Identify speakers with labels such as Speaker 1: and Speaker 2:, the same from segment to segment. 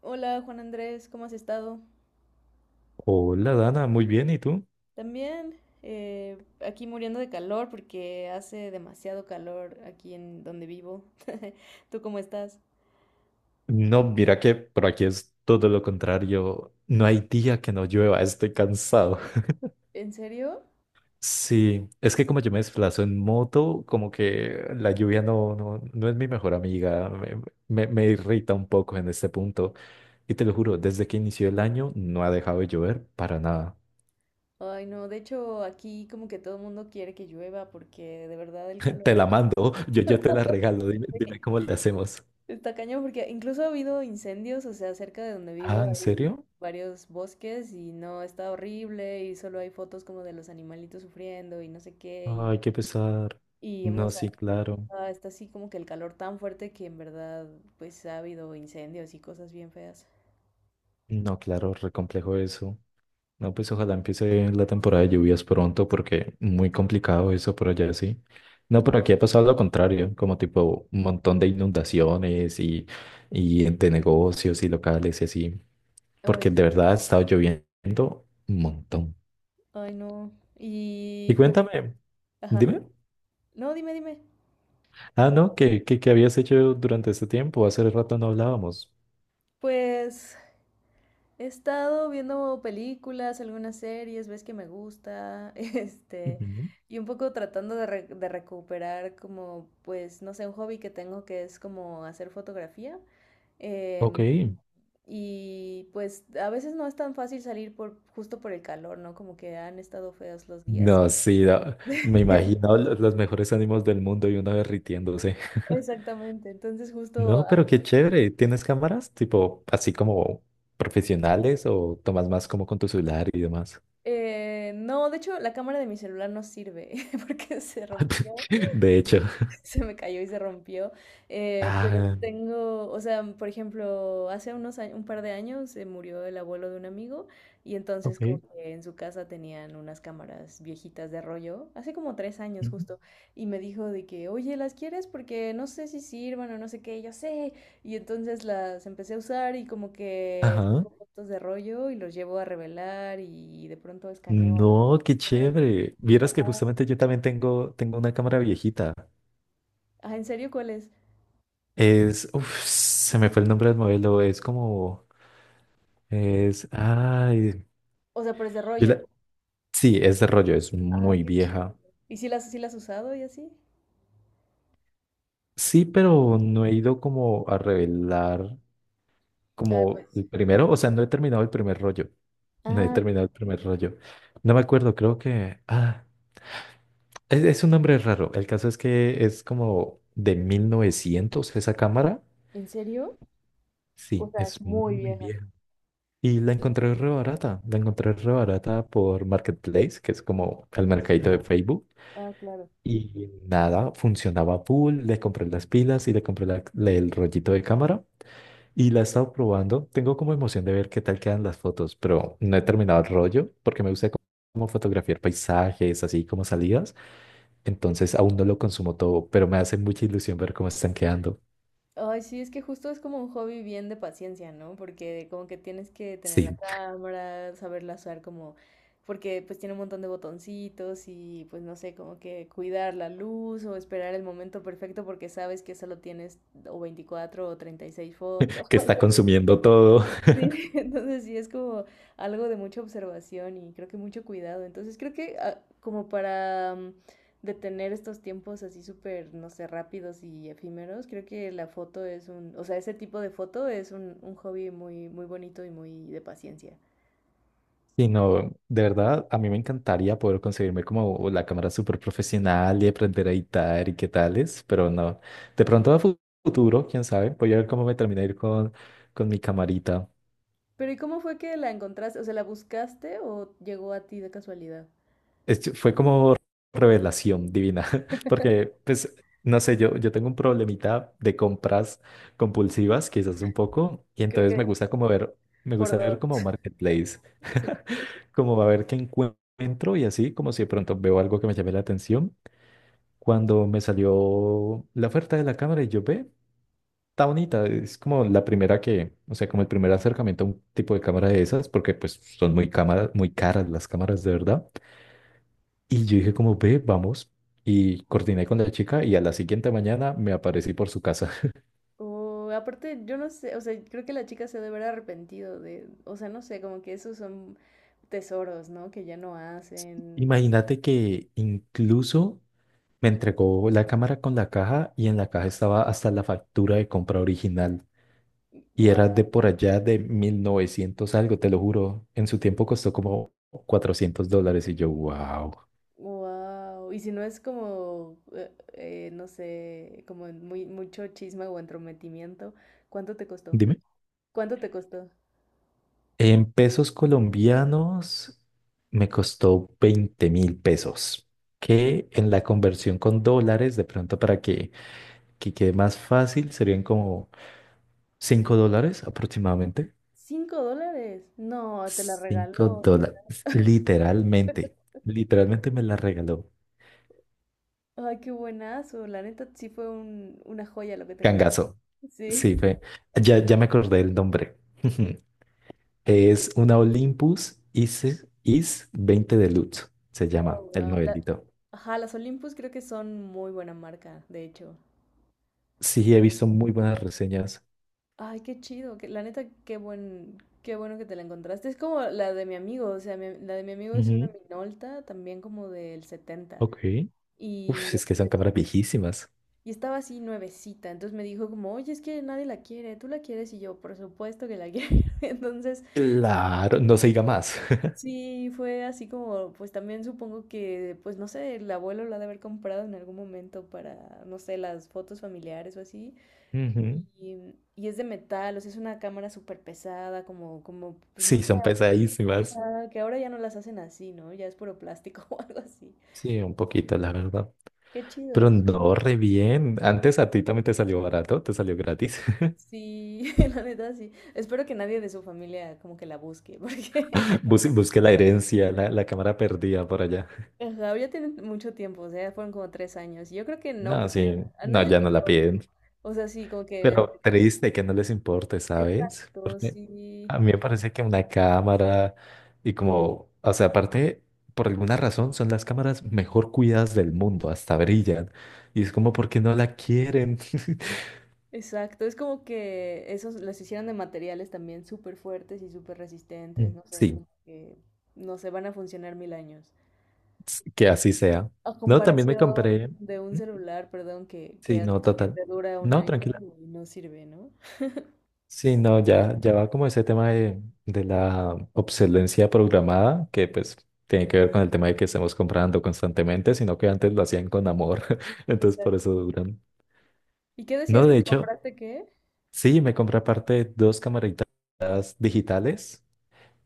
Speaker 1: Hola Juan Andrés, ¿cómo has estado?
Speaker 2: Hola Dana, muy bien, ¿y tú?
Speaker 1: También aquí muriendo de calor porque hace demasiado calor aquí en donde vivo. ¿Tú cómo estás?
Speaker 2: No, mira que por aquí es todo lo contrario. No hay día que no llueva, estoy cansado.
Speaker 1: ¿En serio?
Speaker 2: Sí, es que como yo me desplazo en moto, como que la lluvia no es mi mejor amiga, me irrita un poco en este punto. Y te lo juro, desde que inició el año no ha dejado de llover para nada.
Speaker 1: Ay, no, de hecho aquí como que todo el mundo quiere que llueva porque de verdad el calor
Speaker 2: Te la
Speaker 1: es...
Speaker 2: mando, yo te la regalo, dime cómo le hacemos.
Speaker 1: Está cañón porque incluso ha habido incendios, o sea, cerca de donde
Speaker 2: Ah,
Speaker 1: vivo
Speaker 2: ¿en
Speaker 1: hay
Speaker 2: serio?
Speaker 1: varios bosques y no, está horrible y solo hay fotos como de los animalitos sufriendo y no sé qué y,
Speaker 2: Ay, qué pesar.
Speaker 1: y
Speaker 2: No,
Speaker 1: hemos...
Speaker 2: sí, claro.
Speaker 1: Ah, está así como que el calor tan fuerte que en verdad pues ha habido incendios y cosas bien feas.
Speaker 2: No, claro, re complejo eso. No, pues ojalá empiece la temporada de lluvias pronto porque muy complicado eso por allá, sí. No, por aquí ha pasado lo contrario, como tipo un montón de inundaciones y de negocios y locales y así,
Speaker 1: Oh, en
Speaker 2: porque de
Speaker 1: serio.
Speaker 2: verdad ha estado lloviendo un montón.
Speaker 1: Ay, no.
Speaker 2: Y
Speaker 1: Y pues,
Speaker 2: cuéntame,
Speaker 1: ajá.
Speaker 2: dime.
Speaker 1: No, dime, dime.
Speaker 2: Ah, no, ¿qué habías hecho durante este tiempo? Hace rato no hablábamos.
Speaker 1: Pues he estado viendo películas, algunas series, ves que me gusta, este,
Speaker 2: Ujú.
Speaker 1: y un poco tratando de recuperar como, pues, no sé, un hobby que tengo que es como hacer fotografía.
Speaker 2: Ok.
Speaker 1: Em, Y pues a veces no es tan fácil salir por justo por el calor, ¿no? Como que han estado feos los días.
Speaker 2: No, sí, no, me imagino los mejores ánimos del mundo y una derritiéndose.
Speaker 1: Exactamente. Entonces justo,
Speaker 2: No, pero qué chévere. ¿Tienes cámaras tipo así como profesionales o tomas más como con tu celular y demás?
Speaker 1: no, de hecho la cámara de mi celular no sirve porque se rompió.
Speaker 2: De hecho.
Speaker 1: Se me cayó y se rompió. Pero
Speaker 2: Ah,
Speaker 1: tengo, o sea, por ejemplo, hace unos años, un par de años se murió el abuelo de un amigo y entonces
Speaker 2: Ok.
Speaker 1: como que en su casa tenían unas cámaras viejitas de rollo, hace como 3 años
Speaker 2: Ujú.
Speaker 1: justo, y me dijo de que, oye, ¿las quieres? Porque no sé si sirvan o no sé qué, y yo sé. Y entonces las empecé a usar y como que
Speaker 2: Ajá.
Speaker 1: saco fotos de rollo y los llevo a revelar y de pronto escaneo algo.
Speaker 2: No, qué chévere. Vieras que justamente yo también tengo una cámara viejita.
Speaker 1: Ah, ¿en serio, cuál es?
Speaker 2: Es, uf, se me fue el nombre del modelo. Es como, es, ay,
Speaker 1: O sea, pero es de
Speaker 2: yo
Speaker 1: rollo.
Speaker 2: la- Sí, es de rollo, es
Speaker 1: Ay,
Speaker 2: muy
Speaker 1: qué...
Speaker 2: vieja.
Speaker 1: ¿Y si las, si las has usado y así?
Speaker 2: Sí, pero no he ido como a revelar.
Speaker 1: Ah,
Speaker 2: Como
Speaker 1: pues.
Speaker 2: el primero, o sea, no he terminado el primer rollo. No he
Speaker 1: Ah,
Speaker 2: terminado el primer rollo. No me acuerdo, creo que... Ah, es un nombre raro. El caso es que es como de 1900 esa cámara.
Speaker 1: ¿en serio? O
Speaker 2: Sí,
Speaker 1: sea, es
Speaker 2: es
Speaker 1: muy
Speaker 2: muy
Speaker 1: vieja.
Speaker 2: vieja. Y la encontré re barata. La encontré re barata por Marketplace, que es como el mercadito de Facebook.
Speaker 1: Ah, claro.
Speaker 2: Y nada, funcionaba full. Le compré las pilas y le compré el rollito de cámara. Y la he estado probando. Tengo como emoción de ver qué tal quedan las fotos, pero no he terminado el rollo porque me gusta como fotografiar paisajes, así como salidas. Entonces aún no lo consumo todo, pero me hace mucha ilusión ver cómo están quedando.
Speaker 1: Ay, sí, es que justo es como un hobby bien de paciencia, ¿no? Porque como que tienes que tener
Speaker 2: Sí,
Speaker 1: la cámara, saberla usar como, porque pues tiene un montón de botoncitos y pues no sé, como que cuidar la luz o esperar el momento perfecto porque sabes que solo tienes o 24 o 36 fotos.
Speaker 2: que está consumiendo todo.
Speaker 1: Sí, entonces sí es como algo de mucha observación y creo que mucho cuidado. Entonces creo que como para detener estos tiempos así súper, no sé, rápidos y efímeros, creo que la foto es un, o sea, ese tipo de foto es un hobby muy, muy bonito y muy de paciencia.
Speaker 2: Sí, no, de verdad, a mí me encantaría poder conseguirme como la cámara súper profesional y aprender a editar y qué tales, pero no. De pronto a futuro, quién sabe, voy a ver cómo me termina de ir con mi camarita.
Speaker 1: Pero ¿y cómo fue que la encontraste? O sea, ¿la buscaste o llegó a ti de casualidad?
Speaker 2: Fue como revelación divina, porque pues no sé, yo tengo un problemita de compras compulsivas, quizás un poco, y
Speaker 1: Creo
Speaker 2: entonces
Speaker 1: que
Speaker 2: me gusta como ver, me
Speaker 1: por
Speaker 2: gusta ver
Speaker 1: dos.
Speaker 2: como marketplace,
Speaker 1: Sí.
Speaker 2: como a ver qué encuentro y así, como si de pronto veo algo que me llame la atención. Cuando me salió la oferta de la cámara y yo ve, está bonita, es como la primera que, o sea, como el primer acercamiento a un tipo de cámara de esas, porque pues son muy caras las cámaras de verdad. Y yo dije como, ve, vamos. Y coordiné con la chica y a la siguiente mañana me aparecí por su casa.
Speaker 1: O aparte, yo no sé, o sea, creo que la chica se debe haber arrepentido de, o sea, no sé, como que esos son tesoros, ¿no? Que ya no hacen, no sé,
Speaker 2: Imagínate que incluso me entregó la cámara con la caja y en la caja estaba hasta la factura de compra original. Y era
Speaker 1: guau,
Speaker 2: de por allá de 1900 algo, te lo juro. En su tiempo costó como $400 y yo, wow.
Speaker 1: guau. Y si no es como, no sé, como muy, mucho chisme o entrometimiento, ¿cuánto te costó?
Speaker 2: Dime.
Speaker 1: ¿Cuánto te costó?
Speaker 2: En pesos colombianos me costó 20.000 pesos que en la conversión con dólares, de pronto para que quede más fácil, serían como $5 aproximadamente.
Speaker 1: ¿$5? No, te la
Speaker 2: cinco
Speaker 1: regaló, o sea,
Speaker 2: dólares, literalmente, literalmente me la regaló.
Speaker 1: ay, qué buenazo, la neta sí fue un, una joya lo que te encontré.
Speaker 2: Cangazo.
Speaker 1: Sí.
Speaker 2: Sí, ya, me acordé el nombre. Es una Olympus IS 20 Deluxe, se llama
Speaker 1: Oh,
Speaker 2: el
Speaker 1: wow.
Speaker 2: modelito.
Speaker 1: Ajá, las Olympus creo que son muy buena marca, de hecho.
Speaker 2: Sí, he visto muy buenas reseñas.
Speaker 1: Ay, qué chido, que, la neta, qué buen, qué bueno que te la encontraste. Es como la de mi amigo, o sea, la de mi amigo es una
Speaker 2: Ujú,
Speaker 1: Minolta, también como del setenta.
Speaker 2: Ok. Uf,
Speaker 1: Y,
Speaker 2: es que son cámaras viejísimas.
Speaker 1: y estaba así nuevecita, entonces me dijo como, oye, es que nadie la quiere, ¿tú la quieres? Y yo, por supuesto que la quiero. Entonces,
Speaker 2: Claro, no se diga más.
Speaker 1: sí, fue así como, pues también supongo que, pues no sé, el abuelo la ha de haber comprado en algún momento para, no sé, las fotos familiares o así.
Speaker 2: Ujú.
Speaker 1: Y es de metal, o sea, es una cámara súper pesada, como, como, pues no
Speaker 2: Sí,
Speaker 1: sé,
Speaker 2: son pesadísimas.
Speaker 1: ajá, que ahora ya no las hacen así, ¿no? Ya es puro plástico o algo así.
Speaker 2: Sí, un poquito, la verdad.
Speaker 1: Qué
Speaker 2: Pero
Speaker 1: chido.
Speaker 2: no, re bien. Antes a ti también te salió barato, te salió gratis.
Speaker 1: Sí, la neta sí. Espero que nadie de su familia como que la busque, porque...
Speaker 2: Busqué la herencia, la cámara perdida por allá.
Speaker 1: ajá, ya tienen mucho tiempo, o sea, fueron como 3 años. Y yo creo que no,
Speaker 2: No,
Speaker 1: porque
Speaker 2: sí,
Speaker 1: a nadie
Speaker 2: no,
Speaker 1: le
Speaker 2: ya no la
Speaker 1: importa.
Speaker 2: piden.
Speaker 1: O sea, sí, como que
Speaker 2: Pero
Speaker 1: entre...
Speaker 2: triste que no les importe, ¿sabes?
Speaker 1: Exacto,
Speaker 2: Porque
Speaker 1: sí.
Speaker 2: a mí me parece que una cámara y como, o sea, aparte, por alguna razón son las cámaras mejor cuidadas del mundo, hasta brillan. Y es como, porque no la quieren?
Speaker 1: Exacto, es como que esos los hicieron de materiales también súper fuertes y súper resistentes,
Speaker 2: Mm.
Speaker 1: no sé,
Speaker 2: Sí,
Speaker 1: como que no sé, van a funcionar mil años.
Speaker 2: que así sea.
Speaker 1: A
Speaker 2: No, también me
Speaker 1: comparación
Speaker 2: compré.
Speaker 1: de un
Speaker 2: ¿Mm?
Speaker 1: celular, perdón, que
Speaker 2: Sí,
Speaker 1: hace
Speaker 2: no,
Speaker 1: que
Speaker 2: total.
Speaker 1: te dura un
Speaker 2: No,
Speaker 1: año
Speaker 2: tranquila.
Speaker 1: y no sirve, ¿no?
Speaker 2: Sí, no, ya, ya va como ese tema de la obsolescencia programada, que pues tiene que ver con el tema de que estemos comprando constantemente, sino que antes lo hacían con amor, entonces por eso
Speaker 1: Exacto.
Speaker 2: duran.
Speaker 1: ¿Y qué decías
Speaker 2: No,
Speaker 1: que
Speaker 2: de
Speaker 1: te
Speaker 2: hecho,
Speaker 1: compraste qué?
Speaker 2: sí, me compré aparte dos camaritas digitales,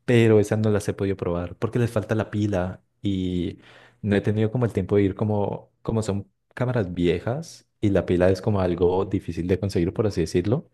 Speaker 2: pero esas no las he podido probar porque les falta la pila y no he tenido como el tiempo de ir como, como son cámaras viejas y la pila es como algo difícil de conseguir, por así decirlo.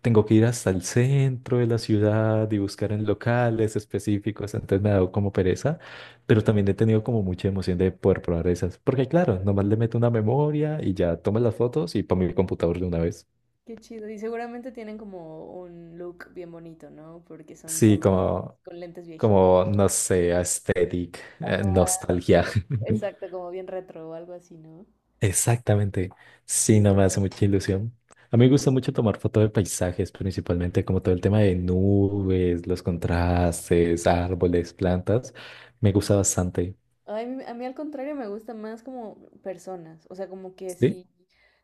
Speaker 2: Tengo que ir hasta el centro de la ciudad y buscar en locales específicos, entonces me ha dado como pereza, pero también he tenido como mucha emoción de poder probar esas, porque claro, nomás le meto una memoria y ya tomo las fotos y pongo mi computador de una vez.
Speaker 1: Qué chido. Y seguramente tienen como un look bien bonito, ¿no? Porque son
Speaker 2: Sí,
Speaker 1: cámaras
Speaker 2: como,
Speaker 1: con lentes viejitas.
Speaker 2: como, no sé, aesthetic,
Speaker 1: Ajá,
Speaker 2: nostalgia.
Speaker 1: exacto, como bien retro o algo así, ¿no?
Speaker 2: Exactamente. Sí, no me hace mucha ilusión. A mí me gusta mucho tomar fotos de paisajes, principalmente como todo el tema de nubes, los contrastes, árboles, plantas. Me gusta bastante.
Speaker 1: Ay, a mí al contrario me gusta más como personas, o sea, como que
Speaker 2: Sí,
Speaker 1: si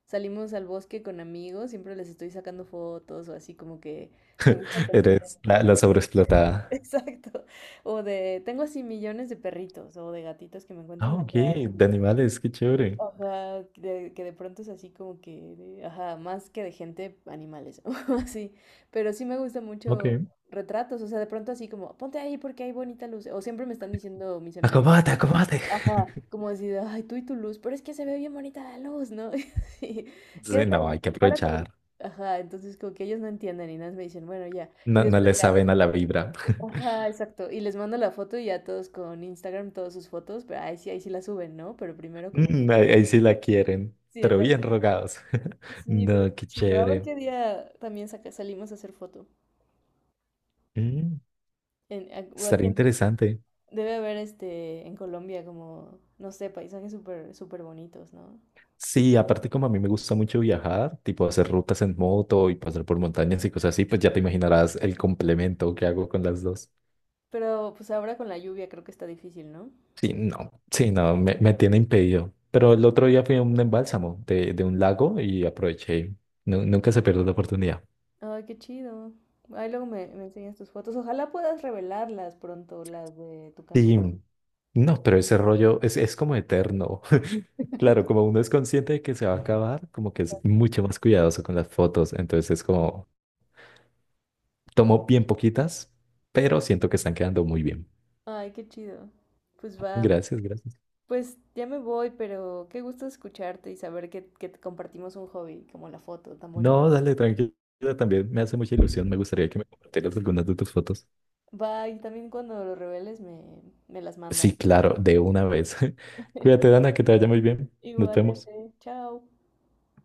Speaker 1: salimos al bosque con amigos, siempre les estoy sacando fotos o así como que me gusta aprender.
Speaker 2: eres la sobreexplotada.
Speaker 1: Exacto. O de, tengo así millones de perritos o de gatitos que me encuentro
Speaker 2: Ah,
Speaker 1: en la
Speaker 2: ok, de
Speaker 1: calle.
Speaker 2: animales, qué chévere.
Speaker 1: Ajá, que que de pronto es así como que, ajá, más que de gente, animales o así. Pero sí me gusta mucho
Speaker 2: Ok.
Speaker 1: retratos, o sea, de pronto así como, ponte ahí porque hay bonita luz. O siempre me están diciendo mis amigos.
Speaker 2: Acomódate, acomódate.
Speaker 1: Ajá, como así ay, tú y tu luz, pero es que se ve bien bonita la luz, ¿no? Sí,
Speaker 2: Sí,
Speaker 1: quédate
Speaker 2: no,
Speaker 1: ahí,
Speaker 2: hay que
Speaker 1: párate ahí.
Speaker 2: aprovechar.
Speaker 1: Ajá, entonces como que ellos no entienden y nada más me dicen, bueno, ya. Y
Speaker 2: No, no le
Speaker 1: después ya,
Speaker 2: saben a la vibra.
Speaker 1: ajá, exacto. Y les mando la foto y ya todos con Instagram, todas sus fotos, pero ahí sí la suben, ¿no? Pero primero como que...
Speaker 2: Mm, ahí, ahí sí la quieren,
Speaker 1: Sí,
Speaker 2: pero bien
Speaker 1: exacto.
Speaker 2: rogados.
Speaker 1: Sí, pero es
Speaker 2: No, qué
Speaker 1: chido. A ver
Speaker 2: chévere.
Speaker 1: qué día también salimos a hacer foto.
Speaker 2: Mm,
Speaker 1: En, o aquí
Speaker 2: estaría interesante.
Speaker 1: debe haber este, en Colombia como, no sé, paisajes súper, súper bonitos, ¿no?
Speaker 2: Sí, aparte como a mí me gusta mucho viajar, tipo hacer rutas en moto y pasar por montañas y cosas así, pues ya te imaginarás el complemento que hago con las dos.
Speaker 1: Pero pues ahora con la lluvia creo que está difícil, ¿no?
Speaker 2: Sí, no, sí, no, me tiene impedido. Pero el otro día fui a un embálsamo de un lago y aproveché. Nunca se pierde la oportunidad.
Speaker 1: Ay, qué chido. Ahí luego me enseñas tus fotos. Ojalá puedas revelarlas pronto, las de tu cámara.
Speaker 2: Sí, no, pero ese rollo es como eterno. Claro, como uno es consciente de que se va a acabar, como que es mucho más cuidadoso con las fotos. Entonces es como, tomo bien poquitas, pero siento que están quedando muy bien.
Speaker 1: Ay, qué chido. Pues va.
Speaker 2: Gracias, gracias.
Speaker 1: Pues ya me voy, pero qué gusto escucharte y saber que te compartimos un hobby como la foto, tan bonita.
Speaker 2: No, dale, tranquila, también me hace mucha ilusión. Me gustaría que me compartieras algunas de tus fotos.
Speaker 1: Va, y también cuando lo reveles me las mandas.
Speaker 2: Sí, claro, de una vez. Cuídate, Dana, que te vaya muy bien. Nos vemos.
Speaker 1: Igualmente. Chao.